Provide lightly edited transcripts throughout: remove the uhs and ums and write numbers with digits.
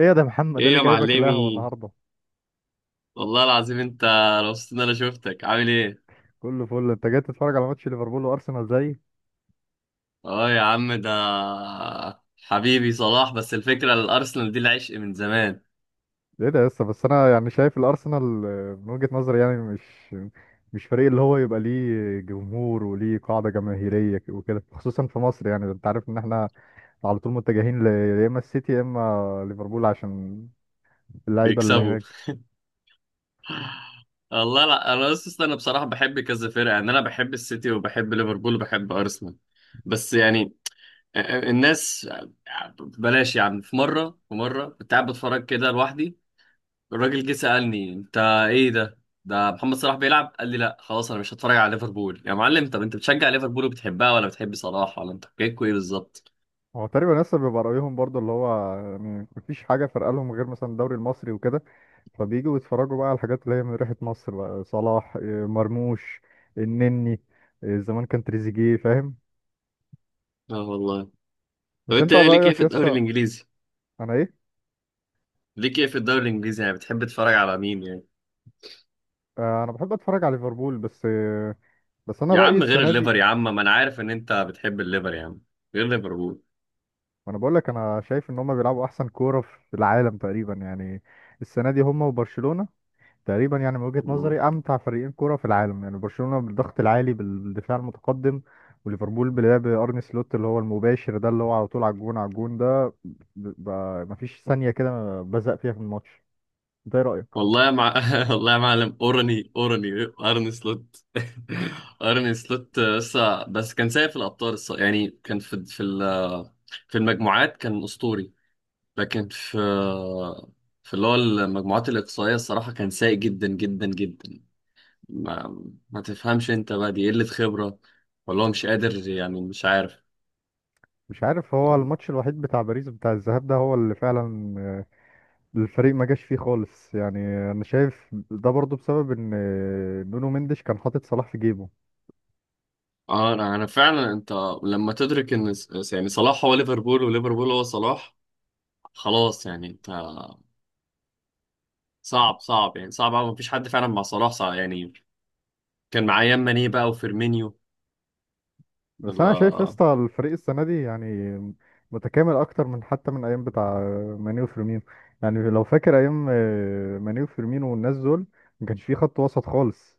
ايه يا ده يا محمد ده ايه اللي يا جايبك القهوه معلمي، النهارده؟ والله العظيم انت مبسوط ان انا شفتك. عامل ايه؟ كله فل. انت جاي تتفرج على ماتش ليفربول وارسنال؟ زي اه، يا عم، ده حبيبي صلاح، بس الفكره الارسنال دي العشق من زمان. ايه ده لسه. بس انا شايف الارسنال من وجهه نظري يعني مش فريق اللي هو يبقى ليه جمهور وليه قاعده جماهيريه وكده، خصوصا في مصر. يعني انت عارف ان احنا على طول متجهين يا اما السيتي يا اما ليفربول، عشان اللعيبه اللي بيكسبوا. هناك. والله لا، انا بصراحه بحب كذا فرقه، يعني انا بحب السيتي وبحب ليفربول وبحب ارسنال. بس يعني الناس بلاش. يعني في مره كنت قاعد بتفرج كده لوحدي، الراجل جه سألني: انت ايه ده؟ ده محمد صلاح بيلعب. قال لي: لا خلاص انا مش هتفرج على ليفربول يا معلم. طب انت بتشجع ليفربول وبتحبها، ولا بتحب صلاح، ولا انت حكايتكوا ايه بالظبط؟ هو تقريبا لسه بيبقى رايهم برضو، اللي هو يعني مفيش حاجه فارقه لهم غير مثلا الدوري المصري وكده، فبيجوا بيتفرجوا بقى على الحاجات اللي هي من ريحة مصر بقى، صلاح مرموش، النني، زمان كان تريزيجيه، فاهم؟ اه والله. طب بس انت انت ايه؟ ليك ايه رأيك في الدوري يسا. الانجليزي؟ انا ايه؟ ليك ايه في الدوري الانجليزي يعني، بتحب تتفرج على مين يعني؟ انا بحب اتفرج على ليفربول بس. بس انا يا رأيي عم غير السنة دي، الليفر، يا عم ما انا عارف ان انت بتحب الليفر، يا عم غير ليفربول. وانا بقول لك انا شايف ان هم بيلعبوا احسن كورة في العالم تقريبا يعني. السنة دي هم وبرشلونة تقريبا، يعني من وجهة مم. نظري امتع فريقين كرة في العالم. يعني برشلونة بالضغط العالي بالدفاع المتقدم، وليفربول بلعب ارني سلوت، اللي هو المباشر ده، اللي هو على طول على الجون، على الجون ده مفيش ثانية كده بزق فيها في الماتش ده. إيه رأيك؟ والله والله يا معلم، اورني اورني ارن سلوت ارني سلوت، لسه بس كان سايق في الابطال يعني كان في المجموعات، كان اسطوري. لكن في في اللي هو المجموعات الاقصائيه الصراحه كان سايق جدا جدا جدا. ما, ما تفهمش انت بقى، دي قله خبره ولا هو مش قادر؟ يعني مش عارف. مش عارف، هو الماتش الوحيد بتاع باريس بتاع الذهاب ده هو اللي فعلا الفريق ما جاش فيه خالص يعني. انا شايف ده برضو بسبب ان نونو مندش كان حاطط صلاح في جيبه. اه، انا فعلا، انت لما تدرك ان يعني صلاح هو ليفربول وليفربول هو صلاح، خلاص يعني انت. صعب صعب يعني، صعب أوي، مفيش حد فعلا مع صلاح. صعب يعني، كان معايا ماني بقى وفيرمينيو. بس انا شايف يا الله. اسطى الفريق السنه دي يعني متكامل اكتر من حتى من ايام بتاع ماني وفيرمينو. يعني لو فاكر ايام ماني وفيرمينو والناس دول، ما كانش فيه خط وسط خالص.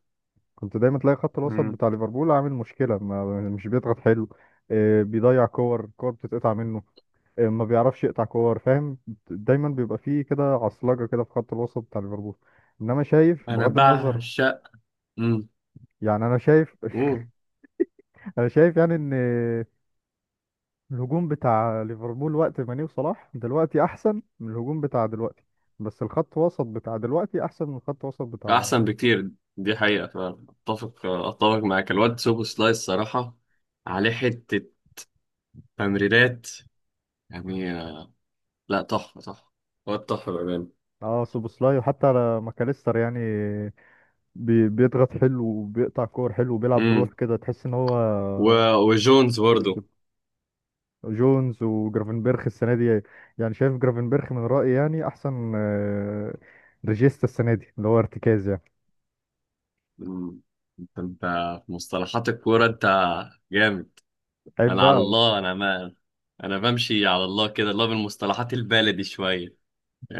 كنت دايما تلاقي خط الوسط مم. بتاع ليفربول عامل مشكله. ما مش بيضغط حلو، بيضيع كور، كور بتتقطع منه، ما بيعرفش يقطع كور، فاهم؟ دايما بيبقى فيه كده عصلجه كده في خط الوسط بتاع ليفربول. انما شايف انا بغض النظر، بعشق. مم. يعني انا شايف مم. انا شايف يعني ان الهجوم بتاع ليفربول وقت ماني وصلاح دلوقتي احسن من الهجوم بتاع دلوقتي، بس الخط وسط بتاع دلوقتي احسن من الخط وسط بتاع. احسن بكتير، دي حقيقة. فاتفق، اتفق معاك، الواد سوبو سلايس صراحة عليه حتة تمريرات، يعني لا، تحفة تحفة، واد تحفة بأمانة. اه سوبوسلاي وحتى على ماكاليستر يعني بيضغط حلو وبيقطع كور حلو وبيلعب مم. بروح كده تحس ان هو و... وجونز كوري برضه. كده. جونز وجرافنبرخ السنه دي، يعني شايف جرافنبرخ من رايي يعني احسن ريجيستا السنه دي، اللي هو ارتكاز يعني. مم. انت في مصطلحات الكورة انت جامد. عيب انا على بقى. الله، انا ما انا بمشي على الله كده، الله، بالمصطلحات البلدي شوية.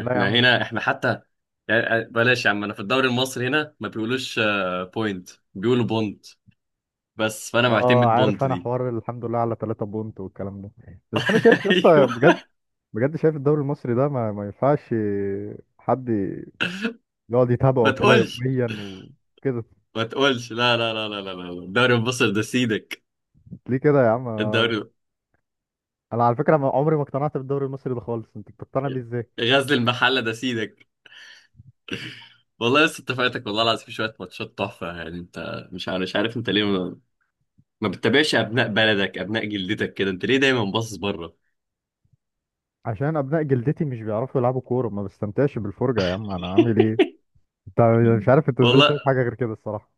لا يا عم. هنا، احنا حتى يعني بلاش يا عم، انا في الدوري المصري هنا ما بيقولوش بوينت، بيقولوا بونت. بس فانا اه معتمد عارف، بونت انا دي. حوار الحمد لله على 3 بونت والكلام ده. بس انا شايف لسه بجد، ايوه. بجد شايف الدوري المصري ده ما ينفعش حد يقعد ما يتابعه كده تقولش، يوميا وكده. ما تقولش لا لا لا لا لا لا لا. الدوري المصري ده سيدك. ليه كده يا عم؟ انا الدوري أنا على فكره عمري ما اقتنعت بالدوري المصري ده خالص. انت بتقتنع بيه ازاي؟ غزل المحله ده سيدك، والله لسه اتفقتك والله العظيم في شويه ماتشات تحفه. يعني انت مش عارف، مش عارف انت ليه ما بتتابعش ابناء بلدك، ابناء جلدتك كده؟ انت ليه دايما باصص بره؟ عشان ابناء جلدتي مش بيعرفوا يلعبوا كوره، ما بستمتعش بالفرجه يا عم، انا عامل ايه؟ انت مش عارف انت ازاي والله شايف حاجه غير كده الصراحه.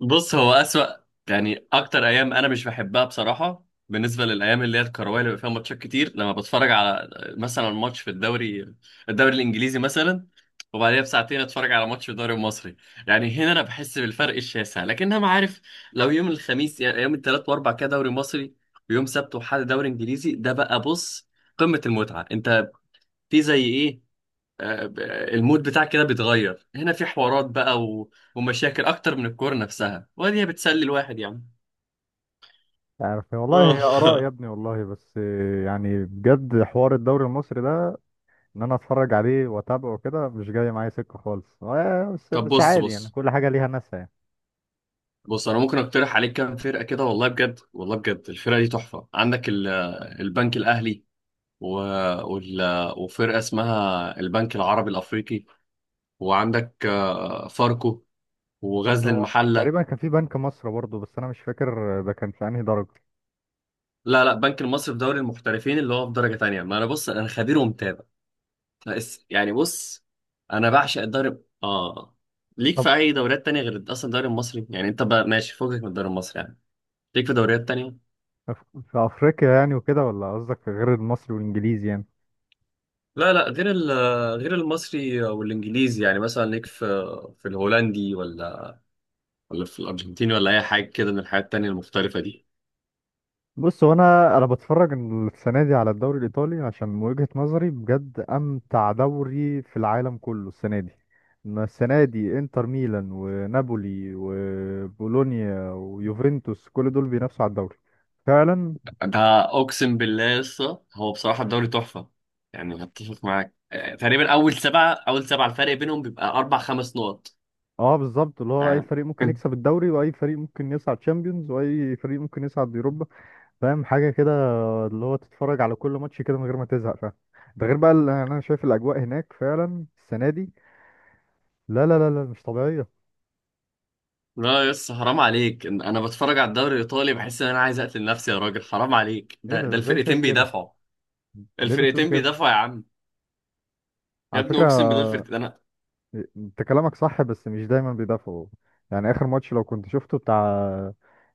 بص، هو أسوأ يعني. أكتر أيام أنا مش بحبها بصراحة، بالنسبة للأيام اللي هي الكروية اللي بيبقى فيها ماتشات كتير، لما بتفرج على مثلا ماتش في الدوري الإنجليزي مثلا، وبعديها بساعتين أتفرج على ماتش في الدوري المصري، يعني هنا أنا بحس بالفرق الشاسع. لكن أنا عارف لو يوم الخميس، يعني يوم الثلاث وأربع كده دوري مصري، ويوم سبت وحد دوري إنجليزي، ده بقى بص قمة المتعة. أنت في زي إيه؟ آه، المود بتاعك كده بيتغير، هنا في حوارات بقى ومشاكل اكتر من الكورة نفسها، وهي بتسلي الواحد يعني. عارف والله اه. هي اراء يا ابني والله. بس يعني بجد حوار الدوري المصري ده ان انا اتفرج عليه واتابعه كده مش جاي معايا سكه خالص. بس طب بس بص عادي، يعني بص، كل حاجه ليها ناسها يعني. بص انا ممكن اقترح عليك كام فرقة كده، والله بجد، والله بجد الفرقة دي تحفة. عندك البنك الاهلي و... وال... وفرقة اسمها البنك العربي الافريقي، وعندك فاركو وغزل هو المحلة. تقريبا كان في بنك مصر برضه، بس انا مش فاكر ده كان في انهي درجه. لا لا، بنك المصري في دوري المحترفين اللي هو في درجة تانية. ما انا بص، انا خبير ومتابع. بس يعني بص، انا بعشق الدوري، اه. ليك طب في اي دوريات تانية غير اصلا الدوري المصري يعني؟ انت بقى ماشي فوقك من الدوري المصري، يعني ليك في دوريات تانية؟ في افريقيا يعني وكده، ولا قصدك في غير المصري والانجليزي يعني؟ لا لا، غير غير المصري والانجليزي، يعني مثلا ليك في في الهولندي، ولا في الارجنتيني، ولا اي حاجة كده من الحاجات التانية المختلفة دي؟ بص، هو انا بتفرج السنه دي على الدوري الايطالي، عشان من وجهه نظري بجد امتع دوري في العالم كله السنه دي. ما السنه دي انتر ميلان ونابولي وبولونيا ويوفنتوس، كل دول بينافسوا على الدوري فعلا. ده اقسم بالله لسه، هو بصراحة الدوري تحفة. يعني هتفق معاك، تقريبا اول 7، اول سبعة الفرق بينهم بيبقى اربع خمس نقط اه بالظبط، اللي هو اي يعني. فريق ممكن يكسب الدوري واي فريق ممكن يصعد تشامبيونز واي فريق ممكن يصعد يوروبا، فاهم حاجه كده؟ اللي هو تتفرج على كل ماتش كده من غير ما تزهق، فاهم؟ ده غير بقى اللي انا شايف الاجواء هناك فعلا السنه دي، لا لا لا لا، مش طبيعيه. لا يس، حرام عليك إن انا بتفرج على الدوري الايطالي بحس ان انا عايز اقتل نفسي يا راجل. حرام عليك، ايه ده ده ده ازاي شايف الفرقتين كده؟ بيدافعوا، ليه بتقول الفرقتين كده؟ بيدافعوا يا عم، يا على ابني فكره اقسم بالله الفرقتين انا. انت كلامك صح، بس مش دايما بيدافعوا. يعني اخر ماتش لو كنت شفته، بتاع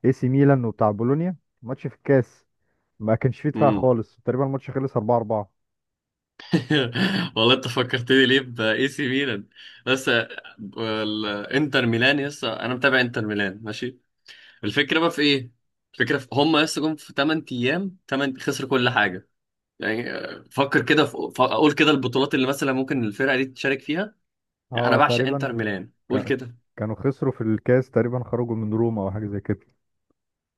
اي سي ميلان وبتاع بولونيا، ماتش في الكاس، ما كانش فيه دفاع مم. خالص تقريبا، الماتش خلص 4-4. والله انت فكرتني ليه باي سي ميلان. بس الانتر ميلان، يس انا متابع انتر ميلان ماشي. الفكره بقى في ايه؟ الفكره في، هم يس جم في 8 ايام 8 خسروا كل حاجه، يعني فكر كده اقول كده البطولات اللي مثلا ممكن الفرقه دي تشارك فيها. انا اه بعشق انتر تقريبا ميلان قول كا- كده. كانوا خسروا في الكاس تقريبا، خرجوا من روما او حاجه زي كده،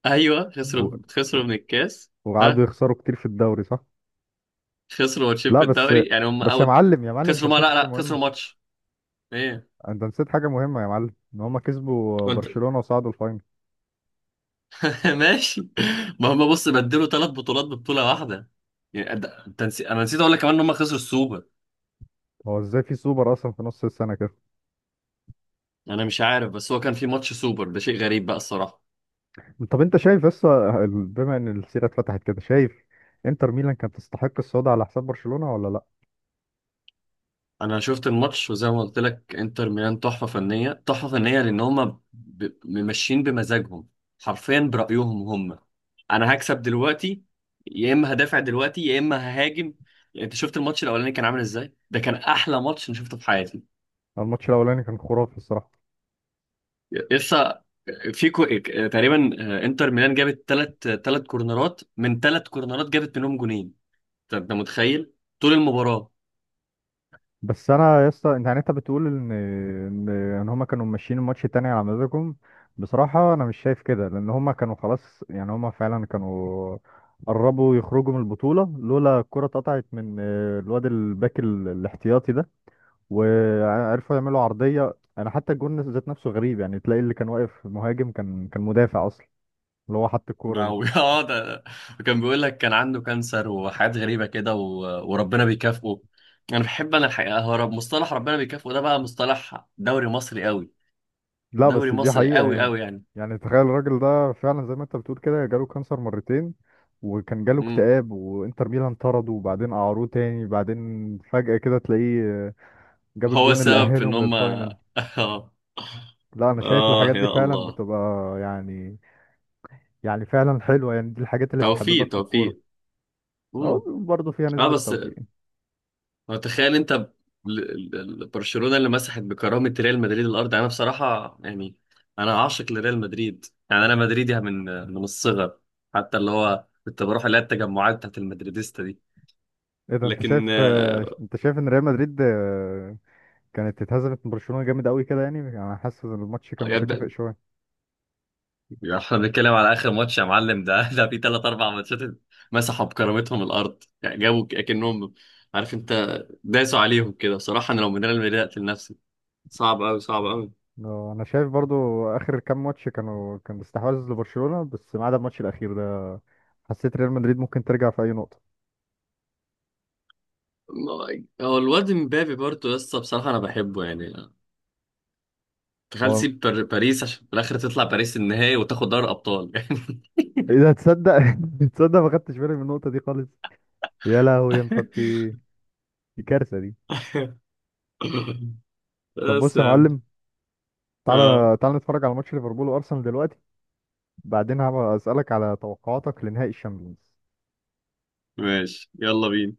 ايوه، و... خسروا و- خسروا من الكاس. وقعدوا ها، يخسروا كتير في الدوري صح. خسروا ماتشين لا في بس، الدوري، يعني هم بس يا اوت. معلم، انت خسروا ما نسيت لا حاجه لا، مهمه. خسروا ماتش. ايه؟ انت نسيت حاجه مهمه يا معلم، ان هما كسبوا كنت... برشلونه وصعدوا الفاينل. ماشي. ما هم بص بدلوا ثلاث بطولات ببطوله واحده، يعني انا نسيت اقول لك كمان ان هم خسروا السوبر. هو ازاي في سوبر اصلا في نص السنه كده؟ انا مش عارف، بس هو كان في ماتش سوبر، ده شيء غريب بقى الصراحه. طب انت شايف، بس بما ان السيره اتفتحت كده، شايف انتر ميلان كانت تستحق الصعود على حساب برشلونه ولا لا؟ انا شفت الماتش، وزي ما قلت لك انتر ميلان تحفه فنيه تحفه فنيه، لان هم ماشيين بمزاجهم، حرفيا برايهم هم. انا هكسب دلوقتي يا اما هدافع دلوقتي يا اما ههاجم. يعني انت شفت الماتش الاولاني كان عامل ازاي؟ ده كان احلى ماتش انا شفته في حياتي. الماتش الاولاني كان خرافي الصراحه. لسه في تقريبا انتر ميلان جابت 3 كورنرات، من 3 كورنرات جابت منهم جونين. طب انت متخيل؟ طول المباراه بس انا يا اسطى، انت يعني انت بتقول ان ان إن هما كانوا ماشيين الماتش التاني على مزاجهم. بصراحه انا مش شايف كده، لان هما كانوا خلاص يعني، هما فعلا كانوا قربوا يخرجوا من البطوله لولا الكره اتقطعت من الواد الباك الاحتياطي ده، وعرفوا يعملوا عرضيه. انا حتى الجون ذات نفسه غريب، يعني تلاقي اللي كان واقف مهاجم كان مدافع اصلا، اللي هو حط الكوره دي. اه، ده وكان بيقول لك كان عنده كانسر وحاجات غريبة كده وربنا بيكافئه. انا بحب، انا الحقيقة هو مصطلح ربنا بيكافئه ده بقى مصطلح دوري مصري قوي، لا دوري بس دي مصري حقيقة قوي يعني. قوي يعني. يعني تخيل الراجل ده فعلا زي ما انت بتقول كده، جاله كانسر مرتين، وكان جاله امم. اكتئاب، وانتر ميلان طرده، وبعدين قعروه تاني، بعدين فجأة كده تلاقيه جاب هو الجون اللي السبب في ان أهلهم هم للفاينل. اه. لا انا شايف اه الحاجات دي يا فعلا الله. بتبقى يعني، يعني فعلا حلوة يعني، دي الحاجات اللي توفيق بتحببك في الكورة. توفيق. اه امم. برضه فيها اه نسبة بس، توفيق. هو تخيل انت برشلونة اللي مسحت بكرامة ريال مدريد الارض، يعني انا بصراحة يعني انا عاشق لريال مدريد، يعني انا مدريدي من الصغر. حتى اللي هو كنت بروح اللي هي التجمعات بتاعت المدريديستا دي، ايه ده انت لكن شايف؟ انت شايف ان ريال مدريد كانت اتهزمت من برشلونة جامد قوي كده؟ يعني انا حاسس ان الماتش كان متكافئ يبدأ. شوية. يعني احنا بنتكلم على اخر ماتش يا معلم، ده في ثلاث اربع ماتشات مسحوا بكرامتهم الارض، يعني جابوا اكنهم، عارف انت، داسوا عليهم كده. بصراحة انا لو من ريال مدريد اقتل نفسي. صعب قوي صعب قوي. انا شايف برضو اخر كام ماتش كانوا، كان استحواذ لبرشلونة، بس ما عدا الماتش الاخير ده حسيت ريال مدريد ممكن ترجع في اي نقطة. هو الواد مبابي برضه، لسه بصراحة أنا بحبه يعني. تخيل هو تسيب باريس عشان في الآخر تطلع باريس النهائي وتاخد دوري أبطال يعني. اذا تصدق، تصدق ما خدتش بالي من النقطة دي خالص. يا لهوي يا مبابي، دي كارثة دي. طب بس بص يا يا عم. معلم، اه تعالى نتفرج على ماتش ليفربول وارسنال دلوقتي، بعدين هبقى اسالك على توقعاتك لنهائي الشامبيونز. ماشي، يلا بينا.